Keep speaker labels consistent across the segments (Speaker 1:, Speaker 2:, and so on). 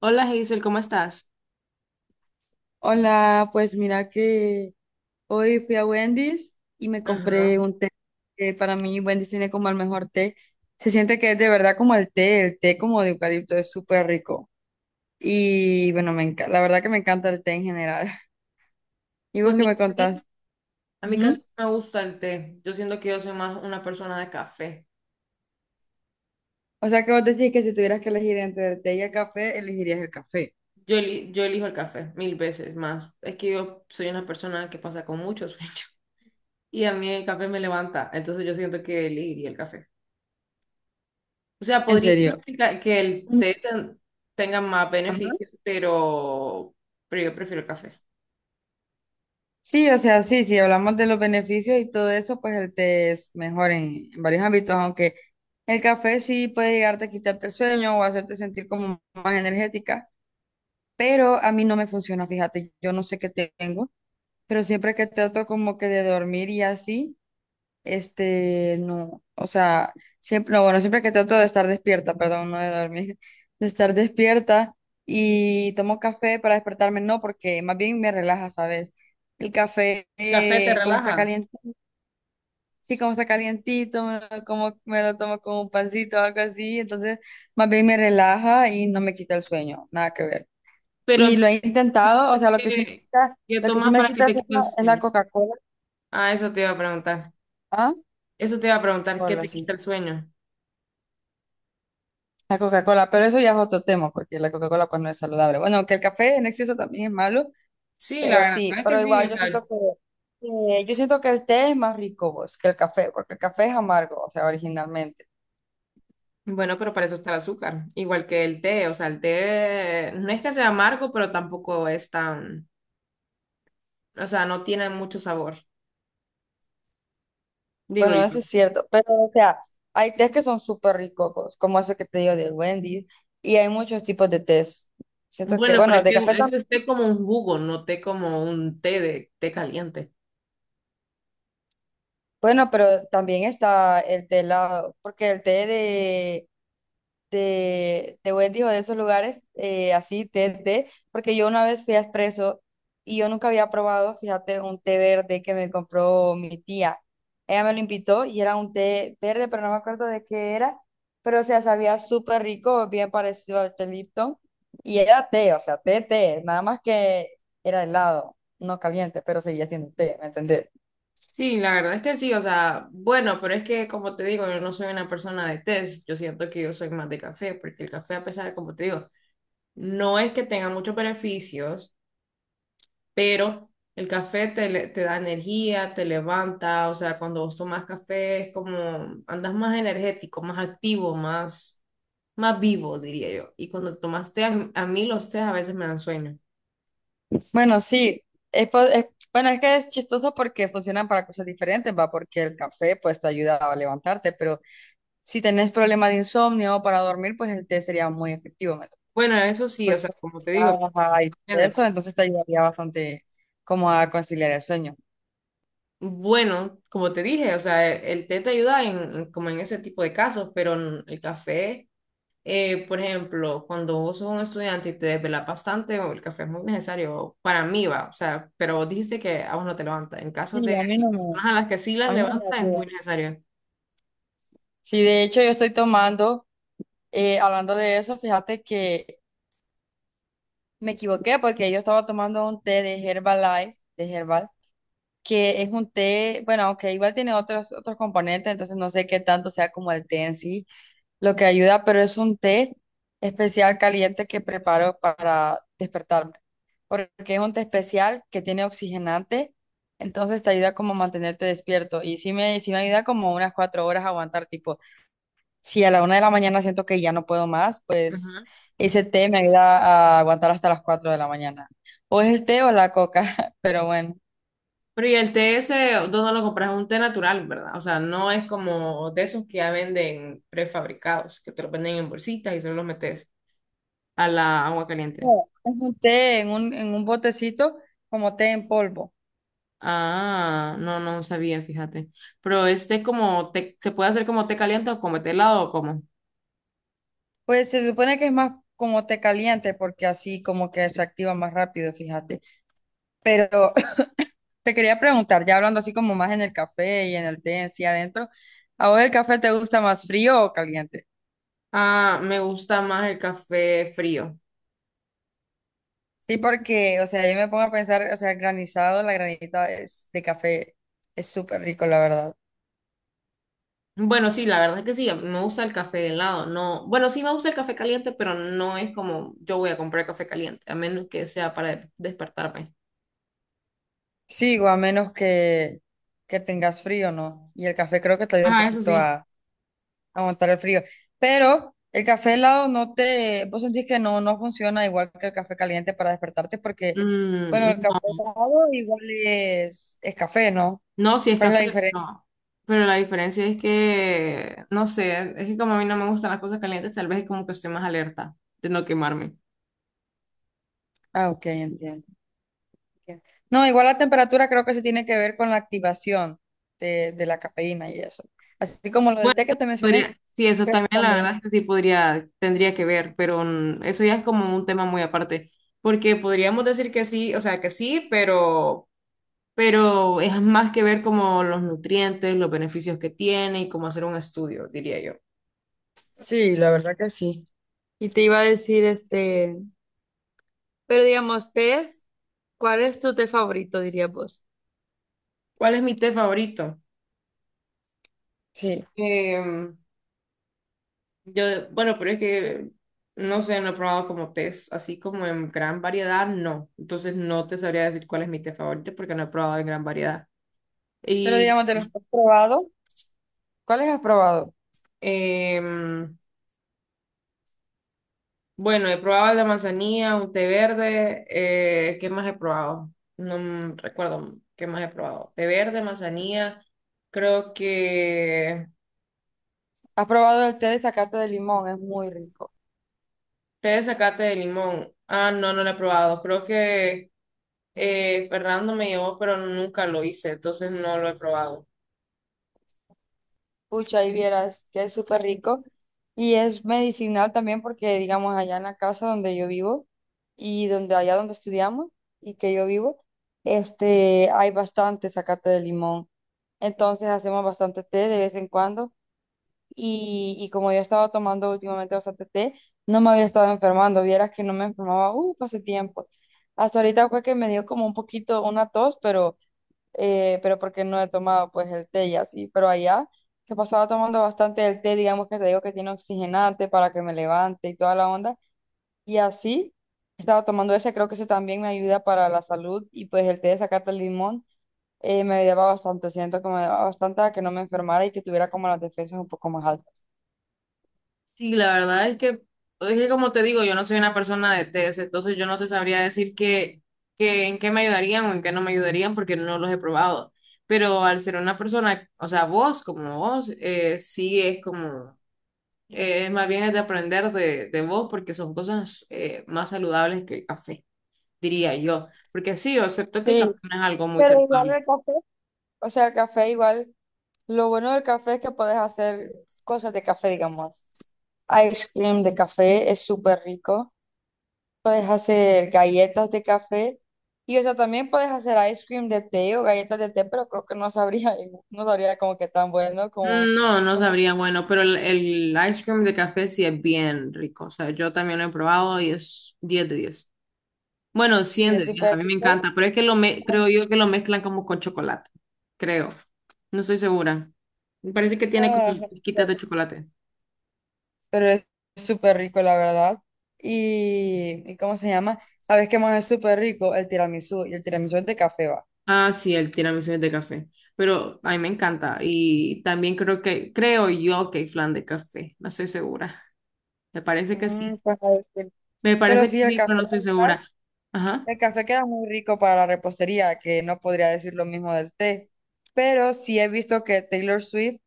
Speaker 1: Hola Hazel, ¿cómo estás?
Speaker 2: Hola, pues mira que hoy fui a Wendy's y me
Speaker 1: Ajá.
Speaker 2: compré un té que para mí Wendy's tiene como el mejor té. Se siente que es de verdad como el té como de eucalipto es súper rico. Y bueno, la verdad que me encanta el té en general. ¿Y vos
Speaker 1: Pues
Speaker 2: qué
Speaker 1: mira,
Speaker 2: me
Speaker 1: a
Speaker 2: contás?
Speaker 1: mí, a mí casi
Speaker 2: Ujú.
Speaker 1: no me gusta el té. Yo siento que yo soy más una persona de café.
Speaker 2: O sea que vos decís que si tuvieras que elegir entre el té y el café, elegirías el café.
Speaker 1: Yo, yo elijo el café mil veces más. Es que yo soy una persona que pasa con mucho sueño y a mí el café me levanta. Entonces yo siento que elegiría el café. O sea,
Speaker 2: ¿En
Speaker 1: podría ser
Speaker 2: serio?
Speaker 1: que que el
Speaker 2: Mm.
Speaker 1: té tenga más
Speaker 2: Ajá.
Speaker 1: beneficios, pero yo prefiero el café.
Speaker 2: Sí, o sea, sí, si hablamos de los beneficios y todo eso, pues el té es mejor en varios ámbitos, aunque el café sí puede llegarte a quitarte el sueño o hacerte sentir como más energética, pero a mí no me funciona, fíjate, yo no sé qué tengo, pero siempre que trato como que de dormir y así, este, no, o sea, siempre, no, bueno, siempre que trato de estar despierta, perdón, no de dormir, de estar despierta y tomo café para despertarme, no, porque más bien me relaja, ¿sabes? El café,
Speaker 1: ¿El café te
Speaker 2: como está
Speaker 1: relaja?
Speaker 2: caliente, sí, como está calientito, me lo tomo con un pancito o algo así, entonces más bien me relaja y no me quita el sueño, nada que ver.
Speaker 1: Pero
Speaker 2: Y lo he intentado, o
Speaker 1: entonces,
Speaker 2: sea,
Speaker 1: ¿qué
Speaker 2: lo que sí
Speaker 1: tomas
Speaker 2: me
Speaker 1: para que
Speaker 2: quita el
Speaker 1: te quite
Speaker 2: sueño
Speaker 1: el
Speaker 2: es la
Speaker 1: sueño?
Speaker 2: Coca-Cola.
Speaker 1: Ah, eso te iba a preguntar.
Speaker 2: ¿Ah?
Speaker 1: Eso te iba a preguntar, ¿qué
Speaker 2: Cola,
Speaker 1: te quita
Speaker 2: sí.
Speaker 1: el sueño?
Speaker 2: La Coca-Cola, pero eso ya es otro tema, porque la Coca-Cola pues no es saludable. Bueno, que el café en exceso también es malo,
Speaker 1: Sí, la
Speaker 2: pero
Speaker 1: verdad
Speaker 2: sí,
Speaker 1: es
Speaker 2: pero
Speaker 1: que sí, o
Speaker 2: igual yo
Speaker 1: sea,
Speaker 2: siento que yo siento que el té es más rico vos, que el café, porque el café es amargo, o sea, originalmente.
Speaker 1: bueno, pero para eso está el azúcar, igual que el té, o sea, el té no es que sea amargo, pero tampoco es tan, o sea, no tiene mucho sabor, digo
Speaker 2: Bueno,
Speaker 1: yo.
Speaker 2: eso es cierto, pero o sea, hay tés que son súper ricos vos, como ese que te digo del Wendy's, y hay muchos tipos de tés. Siento que,
Speaker 1: Bueno, pero
Speaker 2: bueno,
Speaker 1: es
Speaker 2: de
Speaker 1: que
Speaker 2: café
Speaker 1: eso
Speaker 2: también,
Speaker 1: es té como un jugo, no té como un té de té caliente.
Speaker 2: bueno, pero también está el té helado, porque el té de Wendy o de esos lugares, así, té, porque yo una vez fui a Espresso y yo nunca había probado, fíjate, un té verde que me compró mi tía. Ella me lo invitó y era un té verde, pero no me acuerdo de qué era, pero o sea, sabía súper rico, bien parecido al té Lipton, y era té, o sea, té, nada más que era helado, no caliente, pero seguía siendo té, ¿me entendés?
Speaker 1: Sí, la verdad es que sí, o sea, bueno, pero es que como te digo, yo no soy una persona de tés, yo siento que yo soy más de café, porque el café, a pesar, como te digo, no es que tenga muchos beneficios, pero el café te da energía, te levanta, o sea, cuando vos tomas café es como andas más energético, más activo, más, más vivo, diría yo. Y cuando tomas té, a mí los tés a veces me dan sueño.
Speaker 2: Bueno, sí, es, po- es- bueno, es que es chistoso porque funcionan para cosas diferentes, va, porque el café pues te ayuda a levantarte, pero si tenés problemas de insomnio o para dormir, pues el té sería muy efectivo, ¿me entiendes?
Speaker 1: Bueno, eso sí, o sea,
Speaker 2: Porque
Speaker 1: como
Speaker 2: te
Speaker 1: te digo,
Speaker 2: relaja y
Speaker 1: depende, pues.
Speaker 2: eso, entonces te ayudaría bastante como a conciliar el sueño.
Speaker 1: Bueno, como te dije, o sea, el té te ayuda en, como en ese tipo de casos, pero el café, por ejemplo, cuando vos sos un estudiante y te desvelas bastante, o el café es muy necesario para mí, va, o sea, pero vos dijiste que a vos no te levanta. En
Speaker 2: Sí,
Speaker 1: caso de
Speaker 2: a mí
Speaker 1: las
Speaker 2: no me,
Speaker 1: personas a las que sí las
Speaker 2: a mí no me
Speaker 1: levanta, es muy
Speaker 2: ayuda.
Speaker 1: necesario.
Speaker 2: Sí, de hecho yo estoy tomando, hablando de eso, fíjate que me equivoqué porque yo estaba tomando un té de Herbalife, de Herbal que es un té, bueno, aunque igual tiene otros componentes, entonces no sé qué tanto sea como el té en sí lo que ayuda, pero es un té especial caliente que preparo para despertarme, porque es un té especial que tiene oxigenante, entonces te ayuda como a mantenerte despierto y sí me ayuda como unas 4 horas a aguantar, tipo, si a la 1 de la mañana siento que ya no puedo más, pues
Speaker 1: Ujú.
Speaker 2: ese té me ayuda a aguantar hasta las 4 de la mañana. O es el té o la coca, pero bueno.
Speaker 1: Pero y el té ese, ¿dónde lo compras? Es un té natural, ¿verdad? O sea, no es como de esos que ya venden prefabricados, que te los venden en bolsitas y solo los metes a la agua caliente.
Speaker 2: No, es un té en un botecito como té en polvo.
Speaker 1: Ah, no, no sabía, fíjate. Pero este como té, ¿se puede hacer como té caliente o como té helado o cómo?
Speaker 2: Pues se supone que es más como té caliente porque así como que se activa más rápido, fíjate. Pero te quería preguntar, ya hablando así como más en el café y en el té en sí adentro, ¿a vos el café te gusta más frío o caliente?
Speaker 1: Ah, me gusta más el café frío.
Speaker 2: Sí, porque, o sea, yo me pongo a pensar, o sea, granizado, la granita es, de café es súper rico, la verdad.
Speaker 1: Bueno, sí, la verdad es que sí, me gusta el café helado. No, bueno, sí me gusta el café caliente, pero no es como yo voy a comprar café caliente, a menos que sea para despertarme.
Speaker 2: Sí, o a menos que tengas frío, ¿no? Y el café creo que te ayuda un
Speaker 1: Ah, eso
Speaker 2: poquito
Speaker 1: sí.
Speaker 2: a aguantar el frío. Pero el café helado no te, vos sentís que no, no funciona igual que el café caliente para despertarte porque, bueno, el
Speaker 1: Mm,
Speaker 2: café
Speaker 1: no,
Speaker 2: helado igual es café, ¿no?
Speaker 1: no, sí es
Speaker 2: ¿Cuál es la
Speaker 1: café,
Speaker 2: diferencia?
Speaker 1: pero la diferencia es que, no sé, es que como a mí no me gustan las cosas calientes, tal vez es como que estoy más alerta de no quemarme.
Speaker 2: Ah, ok, entiendo. Ok. No, igual la temperatura creo que se tiene que ver con la activación de la cafeína y eso. Así como lo
Speaker 1: Bueno,
Speaker 2: del té que te mencioné,
Speaker 1: podría, sí, eso
Speaker 2: creo que
Speaker 1: también la
Speaker 2: también.
Speaker 1: verdad es que sí podría, tendría que ver, pero mm, eso ya es como un tema muy aparte, porque podríamos decir que sí, o sea, que sí, pero es más que ver como los nutrientes, los beneficios que tiene y cómo hacer un estudio, diría yo.
Speaker 2: Sí, la verdad que sí. Y te iba a decir, este, pero digamos, tés, ¿cuál es tu té favorito, dirías vos?
Speaker 1: ¿Cuál es mi té favorito?
Speaker 2: Sí.
Speaker 1: Em, yo, bueno, pero es que no sé, no he probado como tés, así como en gran variedad, no. Entonces no te sabría decir cuál es mi té favorito porque no he probado en gran variedad.
Speaker 2: Pero
Speaker 1: Y...
Speaker 2: digamos, de los que has probado, ¿cuáles has probado?
Speaker 1: em, bueno, he probado el de manzanilla, un té verde. Eh, ¿qué más he probado? No m- recuerdo qué más he probado. Té verde, manzanilla. Creo que
Speaker 2: Has probado el té de zacate de limón, es muy rico.
Speaker 1: té de zacate de limón. Ah, no, no lo he probado. Creo que Fernando me llevó, pero nunca lo hice, entonces no lo he probado.
Speaker 2: Pucha, y vieras que es súper rico. Y es medicinal también porque, digamos, allá en la casa donde yo vivo y donde allá donde estudiamos y que yo vivo, este, hay bastante zacate de limón. Entonces hacemos bastante té de vez en cuando y como yo he estado tomando últimamente bastante té, no me había estado enfermando, vieras que no me enfermaba, uff, hace tiempo. Hasta ahorita fue que me dio como un poquito una tos, pero porque no he tomado pues el té y así, pero allá que pasaba tomando bastante el té, digamos que te digo que tiene oxigenante para que me levante y toda la onda, y así estaba tomando ese, creo que ese también me ayuda para la salud y pues el té de zacate el limón. Me ayudaba bastante, siento que me ayudaba bastante a que no me enfermara y que tuviera como las defensas un poco más altas.
Speaker 1: Sí, la verdad es que como te digo, yo no soy una persona de test, entonces yo no te sabría decir que en qué me ayudarían o en qué no me ayudarían porque no los he probado. Pero al ser una persona, o sea, vos como vos, sí es como, más bien es de aprender de vos porque son cosas más saludables que el café, diría yo. Porque sí, yo acepto que el café
Speaker 2: Sí,
Speaker 1: no es algo muy
Speaker 2: pero igual
Speaker 1: saludable.
Speaker 2: el café, o sea, el café igual, lo bueno del café es que puedes hacer cosas de café, digamos. Ice cream de café es súper rico. Puedes hacer galletas de café. Y o sea, también puedes hacer ice cream de té o galletas de té, pero creo que no sabría como que tan bueno
Speaker 1: Mm,
Speaker 2: como...
Speaker 1: no, no
Speaker 2: lo que-
Speaker 1: sabría, bueno, pero el ice cream de café sí es bien rico. O sea, yo también lo he probado y es 10 de diez. Bueno,
Speaker 2: Sí,
Speaker 1: cien
Speaker 2: es
Speaker 1: de 10, a
Speaker 2: súper
Speaker 1: mí me
Speaker 2: rico.
Speaker 1: encanta, pero es que lo me creo yo que lo mezclan como con chocolate, creo. No estoy segura. Me parece que tiene como
Speaker 2: Ah,
Speaker 1: pizquitas de chocolate.
Speaker 2: pero es súper rico, la verdad. ¿Y cómo se llama? ¿Sabes qué más es súper rico? El tiramisú. Y el tiramisú es de café, va.
Speaker 1: Ah, sí, el tiramisú es de café, pero a mí me encanta y también creo que creo yo que hay flan de café, no estoy segura. Me parece que
Speaker 2: Mm,
Speaker 1: sí.
Speaker 2: pues, a ver, sí.
Speaker 1: Me
Speaker 2: Pero
Speaker 1: parece que
Speaker 2: sí, el
Speaker 1: sí,
Speaker 2: café,
Speaker 1: pero no
Speaker 2: la
Speaker 1: estoy
Speaker 2: verdad,
Speaker 1: segura. Ajá.
Speaker 2: el café queda muy rico para la repostería, que no podría decir lo mismo del té. Pero sí he visto que Taylor Swift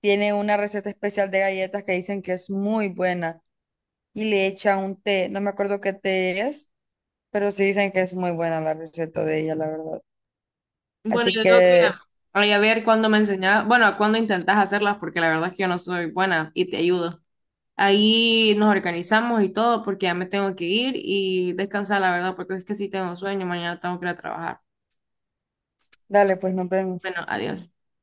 Speaker 2: tiene una receta especial de galletas que dicen que es muy buena y le echa un té. No me acuerdo qué té es, pero sí dicen que es muy buena la receta de ella, la verdad.
Speaker 1: Bueno,
Speaker 2: Así
Speaker 1: yo creo que
Speaker 2: que
Speaker 1: ay, a ver cuándo me enseñas, bueno, cuándo intentas hacerlas porque la verdad es que yo no soy buena y te ayudo. Ahí nos organizamos y todo porque ya me tengo que ir y descansar, la verdad, porque es que sí tengo sueño, mañana tengo que ir a trabajar.
Speaker 2: dale, pues nos vemos.
Speaker 1: Bueno, adiós.